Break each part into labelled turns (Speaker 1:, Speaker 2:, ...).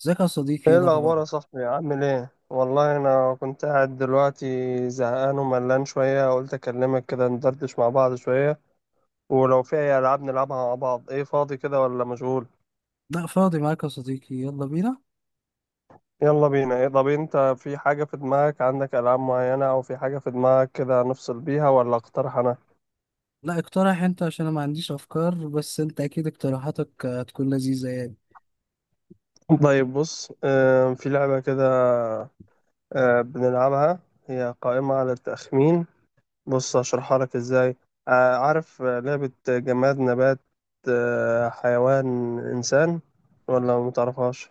Speaker 1: ازيك يا صديقي؟ ايه
Speaker 2: ايه
Speaker 1: الاخبار؟
Speaker 2: الاخبار يا صاحبي؟ عامل ايه؟ والله انا كنت قاعد دلوقتي زهقان وملان شويه، قلت اكلمك كده ندردش مع بعض شويه، ولو في اي العاب نلعبها مع بعض. ايه فاضي كده ولا مشغول؟
Speaker 1: لا فاضي معاك يا صديقي، يلا بينا.
Speaker 2: يلا بينا. ايه طب انت في حاجه في دماغك؟ عندك العاب معينه او في حاجه في دماغك كده نفصل بيها، ولا اقترح انا؟
Speaker 1: لا اقترح انت عشان انا ما عنديش افكار، بس انت اكيد اقتراحاتك هتكون لذيذة يعني.
Speaker 2: طيب بص، في لعبه كده بنلعبها، هي قائمه على التخمين. بص هشرحها لك ازاي. عارف لعبة جماد نبات حيوان إنسان، ولا متعرفهاش؟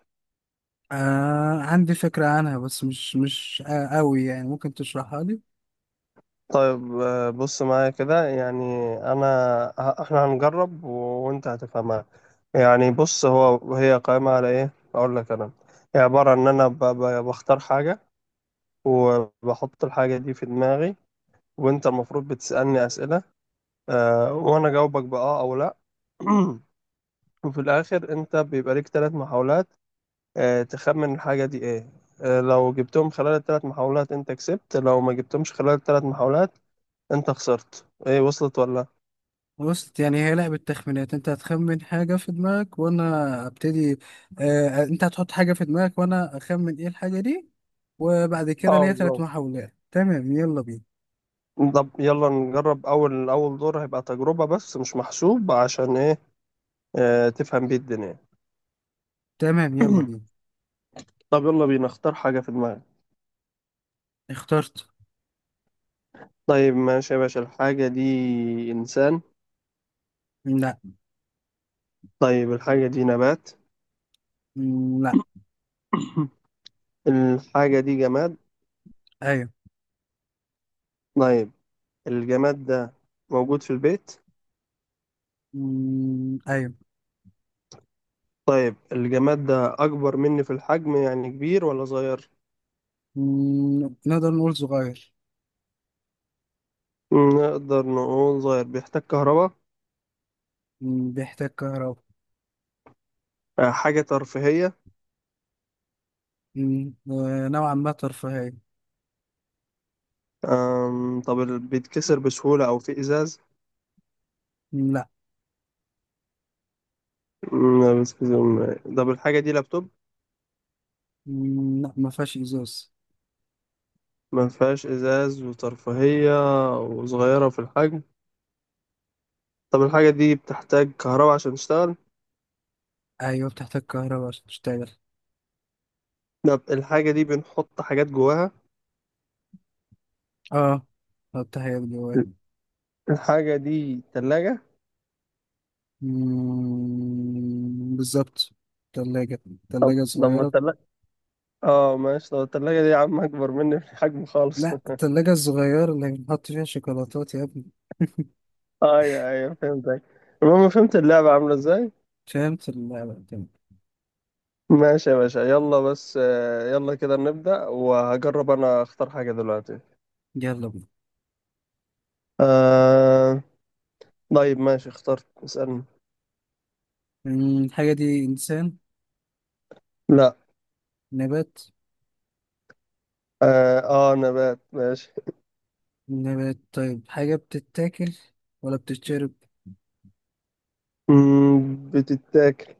Speaker 1: آه، عندي فكرة عنها بس مش آه قوي يعني، ممكن تشرحها لي؟
Speaker 2: طيب بص معايا كده يعني، أنا إحنا هنجرب وأنت هتفهمها. يعني بص هي قائمة على إيه، أقول لك أنا. هي عبارة عن إن أنا بختار حاجة وبحط الحاجة دي في دماغي، وأنت المفروض بتسألني أسئلة وأنا جاوبك بأه أو لأ. وفي الآخر أنت بيبقى ليك ثلاث محاولات تخمن الحاجة دي ايه. لو جبتهم خلال الثلاث محاولات انت كسبت، لو ما جبتهمش خلال الثلاث محاولات انت خسرت. ايه وصلت ولا؟
Speaker 1: بص يعني هي لعبة تخمينات، انت هتخمن حاجة في دماغك وانا ابتدي. اه، انت هتحط حاجة في دماغك وانا اخمن ايه الحاجة دي، وبعد كده
Speaker 2: اه
Speaker 1: ليا ثلاث
Speaker 2: بالظبط.
Speaker 1: محاولات. تمام يلا بينا.
Speaker 2: طب يلا نجرب، اول اول دور هيبقى تجربة بس مش محسوب، عشان ايه تفهم بيه الدنيا.
Speaker 1: تمام يلا بينا.
Speaker 2: طب يلا بينا، اختار حاجة في دماغك.
Speaker 1: اخترت.
Speaker 2: طيب ماشي يا باشا، الحاجة دي انسان؟
Speaker 1: لا.
Speaker 2: طيب الحاجة دي نبات؟
Speaker 1: لا.
Speaker 2: الحاجة دي جماد؟
Speaker 1: ايوه.
Speaker 2: طيب الجماد ده موجود في البيت؟
Speaker 1: ايوه.
Speaker 2: طيب الجماد ده أكبر مني في الحجم، يعني كبير ولا صغير؟
Speaker 1: نقدر نقول صغير.
Speaker 2: نقدر نقول صغير. بيحتاج كهرباء؟
Speaker 1: بيحتاج كهرباء.
Speaker 2: حاجة ترفيهية؟
Speaker 1: نوعا ما ترفيهية.
Speaker 2: طب بيتكسر بسهولة أو فيه إزاز؟
Speaker 1: مم، لا.
Speaker 2: لا بيتكسر. طب الحاجة دي لابتوب؟
Speaker 1: مم، لا ما فيهاش ازاز.
Speaker 2: ما فيهاش إزاز وترفيهية وصغيرة في الحجم. طب الحاجة دي بتحتاج كهرباء عشان تشتغل؟
Speaker 1: ايوه بتحتاج كهرباء عشان تشتغل.
Speaker 2: طب الحاجة دي بنحط حاجات جواها؟
Speaker 1: اه بتحتاج جواه.
Speaker 2: الحاجة دي تلاجة؟
Speaker 1: بالظبط. تلاجة.
Speaker 2: طب
Speaker 1: تلاجة
Speaker 2: لما
Speaker 1: صغيرة.
Speaker 2: التلاجة، اه ماشي. طب التلاجة دي يا عم أكبر مني في الحجم خالص
Speaker 1: لا، التلاجة الصغيرة اللي بنحط فيها شوكولاتات يا ابني.
Speaker 2: ايوه، ايوه، فهمتك. المهم فهمت اللعبة عاملة ازاي.
Speaker 1: فهمت اللعبة تمام.
Speaker 2: ماشي يا باشا، يلا بس يلا كده نبدأ، وهجرب انا اختار حاجة دلوقتي.
Speaker 1: يلا بينا.
Speaker 2: آه... طيب ماشي، اخترت، اسألني.
Speaker 1: الحاجة دي إنسان؟
Speaker 2: لا.
Speaker 1: نبات؟
Speaker 2: اه، نبات ماشي.
Speaker 1: نبات طيب، حاجة بتتاكل ولا بتتشرب؟
Speaker 2: بتتاكل.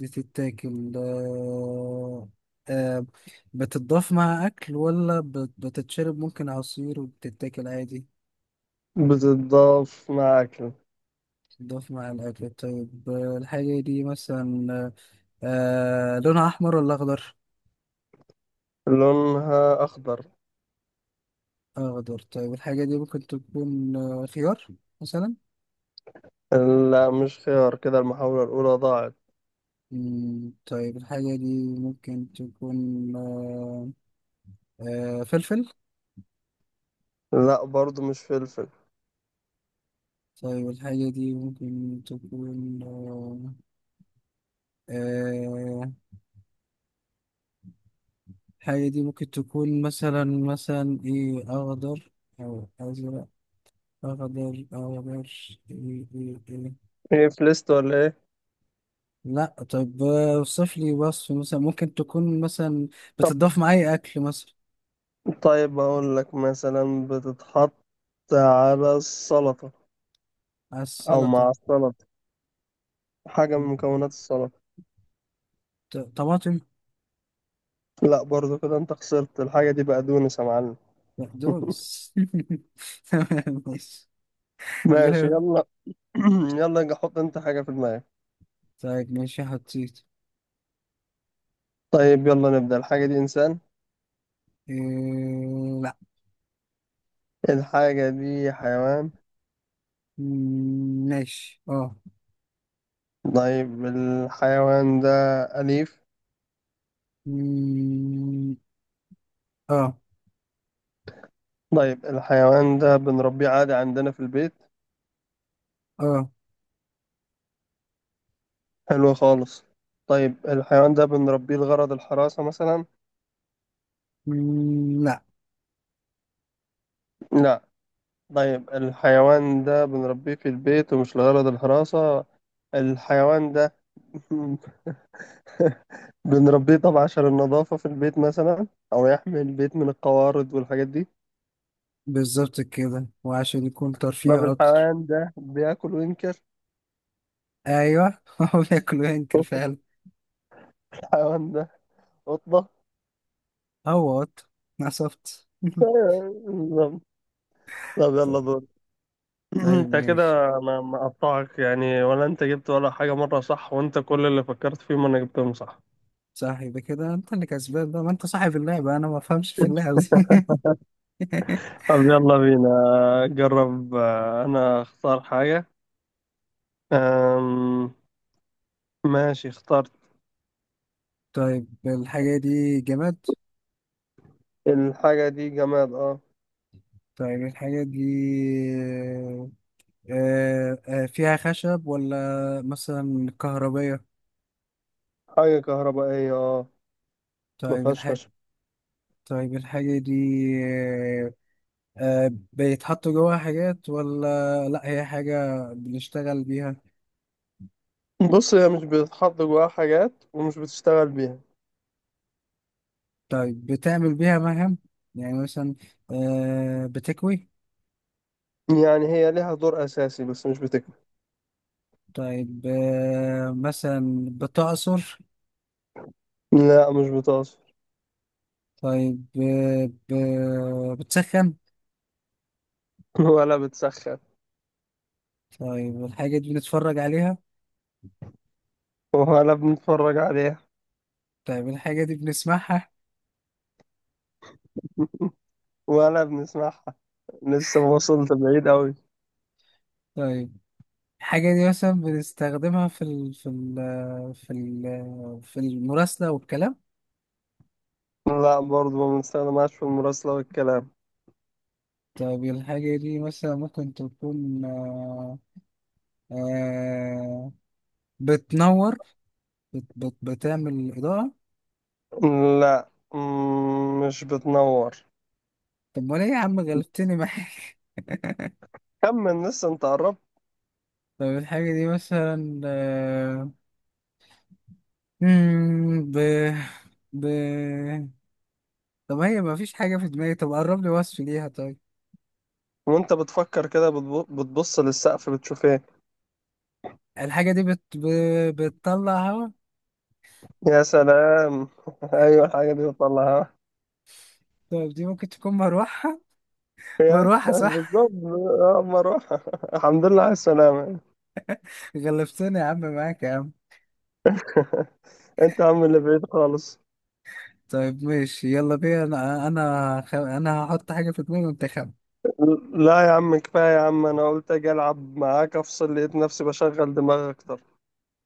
Speaker 1: بتتاكل. آه... بتتضاف مع أكل ولا بتتشرب ممكن عصير، وبتتاكل عادي؟
Speaker 2: بتتضاف مع اكل.
Speaker 1: بتتضاف مع الأكل طيب، الحاجة دي مثلا آه، لونها أحمر ولا أخضر؟
Speaker 2: لونها اخضر.
Speaker 1: أخضر طيب، الحاجة دي ممكن تكون آه، خيار مثلا؟
Speaker 2: لا مش خيار، كده المحاولة الاولى ضاعت.
Speaker 1: مم، طيب الحاجة دي ممكن تكون آه، فلفل؟
Speaker 2: لا برضو مش فلفل.
Speaker 1: طيب الحاجة دي ممكن تكون آه، الحاجة دي ممكن تكون مثلا، إيه، أخضر أو أزرق؟ أخضر أخضر. إيه إيه إيه.
Speaker 2: ايه فلست ولا
Speaker 1: لا طب، اوصف لي وصف، مثلا ممكن تكون مثلا بتضاف
Speaker 2: ايه؟
Speaker 1: مع أي أكل مثلا؟
Speaker 2: طيب أقول لك، مثلا بتتحط على السلطة أو
Speaker 1: السلطة.
Speaker 2: مع السلطة، حاجة من مكونات السلطة.
Speaker 1: طماطم؟
Speaker 2: لا برضو، كده أنت خسرت. الحاجة دي بقدونس يا معلم.
Speaker 1: بقدونس تمام ماشي.
Speaker 2: ماشي
Speaker 1: جرام.
Speaker 2: يلا. يلا يجي، حط أنت حاجة في دماغك.
Speaker 1: طيب ماشي حطيت.
Speaker 2: طيب يلا نبدأ. الحاجة دي إنسان؟
Speaker 1: إيه؟ لا.
Speaker 2: الحاجة دي حيوان؟
Speaker 1: ماشي اه.
Speaker 2: طيب الحيوان ده أليف؟
Speaker 1: مم، اه.
Speaker 2: طيب الحيوان ده بنربيه عادي عندنا في البيت.
Speaker 1: اه.
Speaker 2: حلو خالص. طيب الحيوان ده بنربيه لغرض الحراسة مثلا؟
Speaker 1: مم، لا.
Speaker 2: لا. طيب الحيوان ده بنربيه في البيت ومش لغرض الحراسة، الحيوان ده بنربيه طبعا عشان النظافة في البيت مثلا، أو يحمي البيت من القوارض والحاجات دي.
Speaker 1: بالظبط كده، وعشان يكون
Speaker 2: طب
Speaker 1: ترفيه اكتر.
Speaker 2: الحيوان ده بياكل وينكر؟
Speaker 1: ايوه هو بياكل وينكر فعلا.
Speaker 2: الحيوان ده قطة.
Speaker 1: هو قط، نصبت
Speaker 2: بالظبط. طب يلا
Speaker 1: طيب.
Speaker 2: دور.
Speaker 1: طيب
Speaker 2: انت كده،
Speaker 1: ماشي.
Speaker 2: انا مقطعك يعني؟ ولا انت جبت ولا حاجة مرة صح، وانت كل اللي فكرت فيهم انا جبتهم صح.
Speaker 1: صح يبقى كده انت اللي كسبان بقى، ما انت صاحب اللعبة، انا ما بفهمش في اللعبة دي
Speaker 2: طب يلا بينا، جرب انا اختار حاجة. أم... ماشي اخترت.
Speaker 1: طيب الحاجة دي جماد؟
Speaker 2: الحاجة دي جماد اه.
Speaker 1: طيب الحاجة دي، آه، فيها خشب ولا مثلا كهربية؟
Speaker 2: حاجة كهربائية اه. ما
Speaker 1: طيب
Speaker 2: فيهاش
Speaker 1: الحاجة،
Speaker 2: خشب.
Speaker 1: طيب الحاجة دي، آه، بيتحط جواها حاجات ولا لأ، هي حاجة بنشتغل بيها؟
Speaker 2: بص هي مش بتتحط جواها حاجات، ومش بتشتغل بيها.
Speaker 1: طيب بتعمل بيها مهام، يعني مثلا بتكوي؟
Speaker 2: يعني هي ليها دور أساسي بس مش بتكفي.
Speaker 1: طيب مثلا بتعصر؟
Speaker 2: لا مش بتعصر.
Speaker 1: طيب بتسخن؟
Speaker 2: ولا بتسخن.
Speaker 1: طيب الحاجة دي بنتفرج عليها؟
Speaker 2: ولا بنتفرج عليها.
Speaker 1: طيب الحاجة دي بنسمعها؟
Speaker 2: ولا بنسمعها. لسه ما وصلت بعيد أوي.
Speaker 1: طيب الحاجة دي مثلا بنستخدمها في المراسلة والكلام؟
Speaker 2: لا برضه ما بنستخدمهاش في المراسلة والكلام.
Speaker 1: طيب الحاجة دي مثلا ممكن تكون آه... بتنور، بتعمل إضاءة؟
Speaker 2: لا، مش بتنور.
Speaker 1: طب ولا إيه يا عم، غلبتني معاك
Speaker 2: كمل، لسه انت قربت.
Speaker 1: طب الحاجة دي مثلا مم، ب... ب... طب هي مفيش حاجة في دماغي، طب قرب لي وصف ليها طيب.
Speaker 2: وانت بتفكر كده بتبص للسقف بتشوف ايه؟
Speaker 1: الحاجة دي بتطلع هوا؟
Speaker 2: يا سلام ايوه الحاجه دي بتطلعها.
Speaker 1: طيب دي ممكن تكون مروحة؟
Speaker 2: يا
Speaker 1: مروحة صح
Speaker 2: بالظبط. اما اروح الحمد لله على السلامه.
Speaker 1: غلبتني يا عم، معاك يا عم.
Speaker 2: انت يا عم اللي بعيد خالص.
Speaker 1: طيب ماشي يلا بينا، انا انا هحط حاجة في دماغي وانت خم
Speaker 2: لا يا عم كفايه يا عم، انا قلت اجي العب معاك افصل، لقيت نفسي بشغل دماغي اكتر.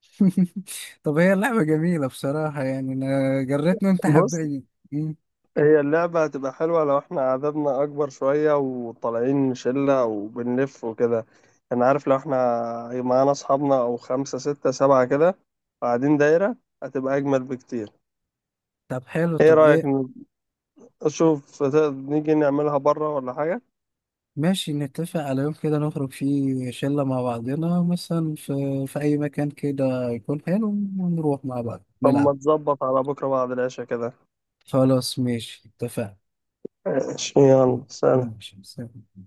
Speaker 1: طب هي اللعبة جميلة بصراحة يعني، انا جريتني وانت
Speaker 2: بص،
Speaker 1: حبيتني. مم.
Speaker 2: هي اللعبه هتبقى حلوه لو احنا عددنا اكبر شويه، وطالعين شله وبنلف وكده. انا عارف لو احنا معانا اصحابنا او خمسه سته سبعه كده، قاعدين دايره، هتبقى اجمل بكتير.
Speaker 1: طب حلو،
Speaker 2: ايه
Speaker 1: طب
Speaker 2: رايك،
Speaker 1: ايه؟
Speaker 2: اشوف نيجي نعملها بره ولا حاجه؟
Speaker 1: ماشي نتفق على يوم كده نخرج فيه شلة مع بعضنا، مثلا في في اي مكان كده يكون حلو، ونروح مع بعض
Speaker 2: طب
Speaker 1: نلعب.
Speaker 2: ما تظبط على بكره بعد العشاء كده.
Speaker 1: خلاص ماشي اتفقنا.
Speaker 2: ماشي
Speaker 1: مم.
Speaker 2: يلا سلام.
Speaker 1: ماشي سلام.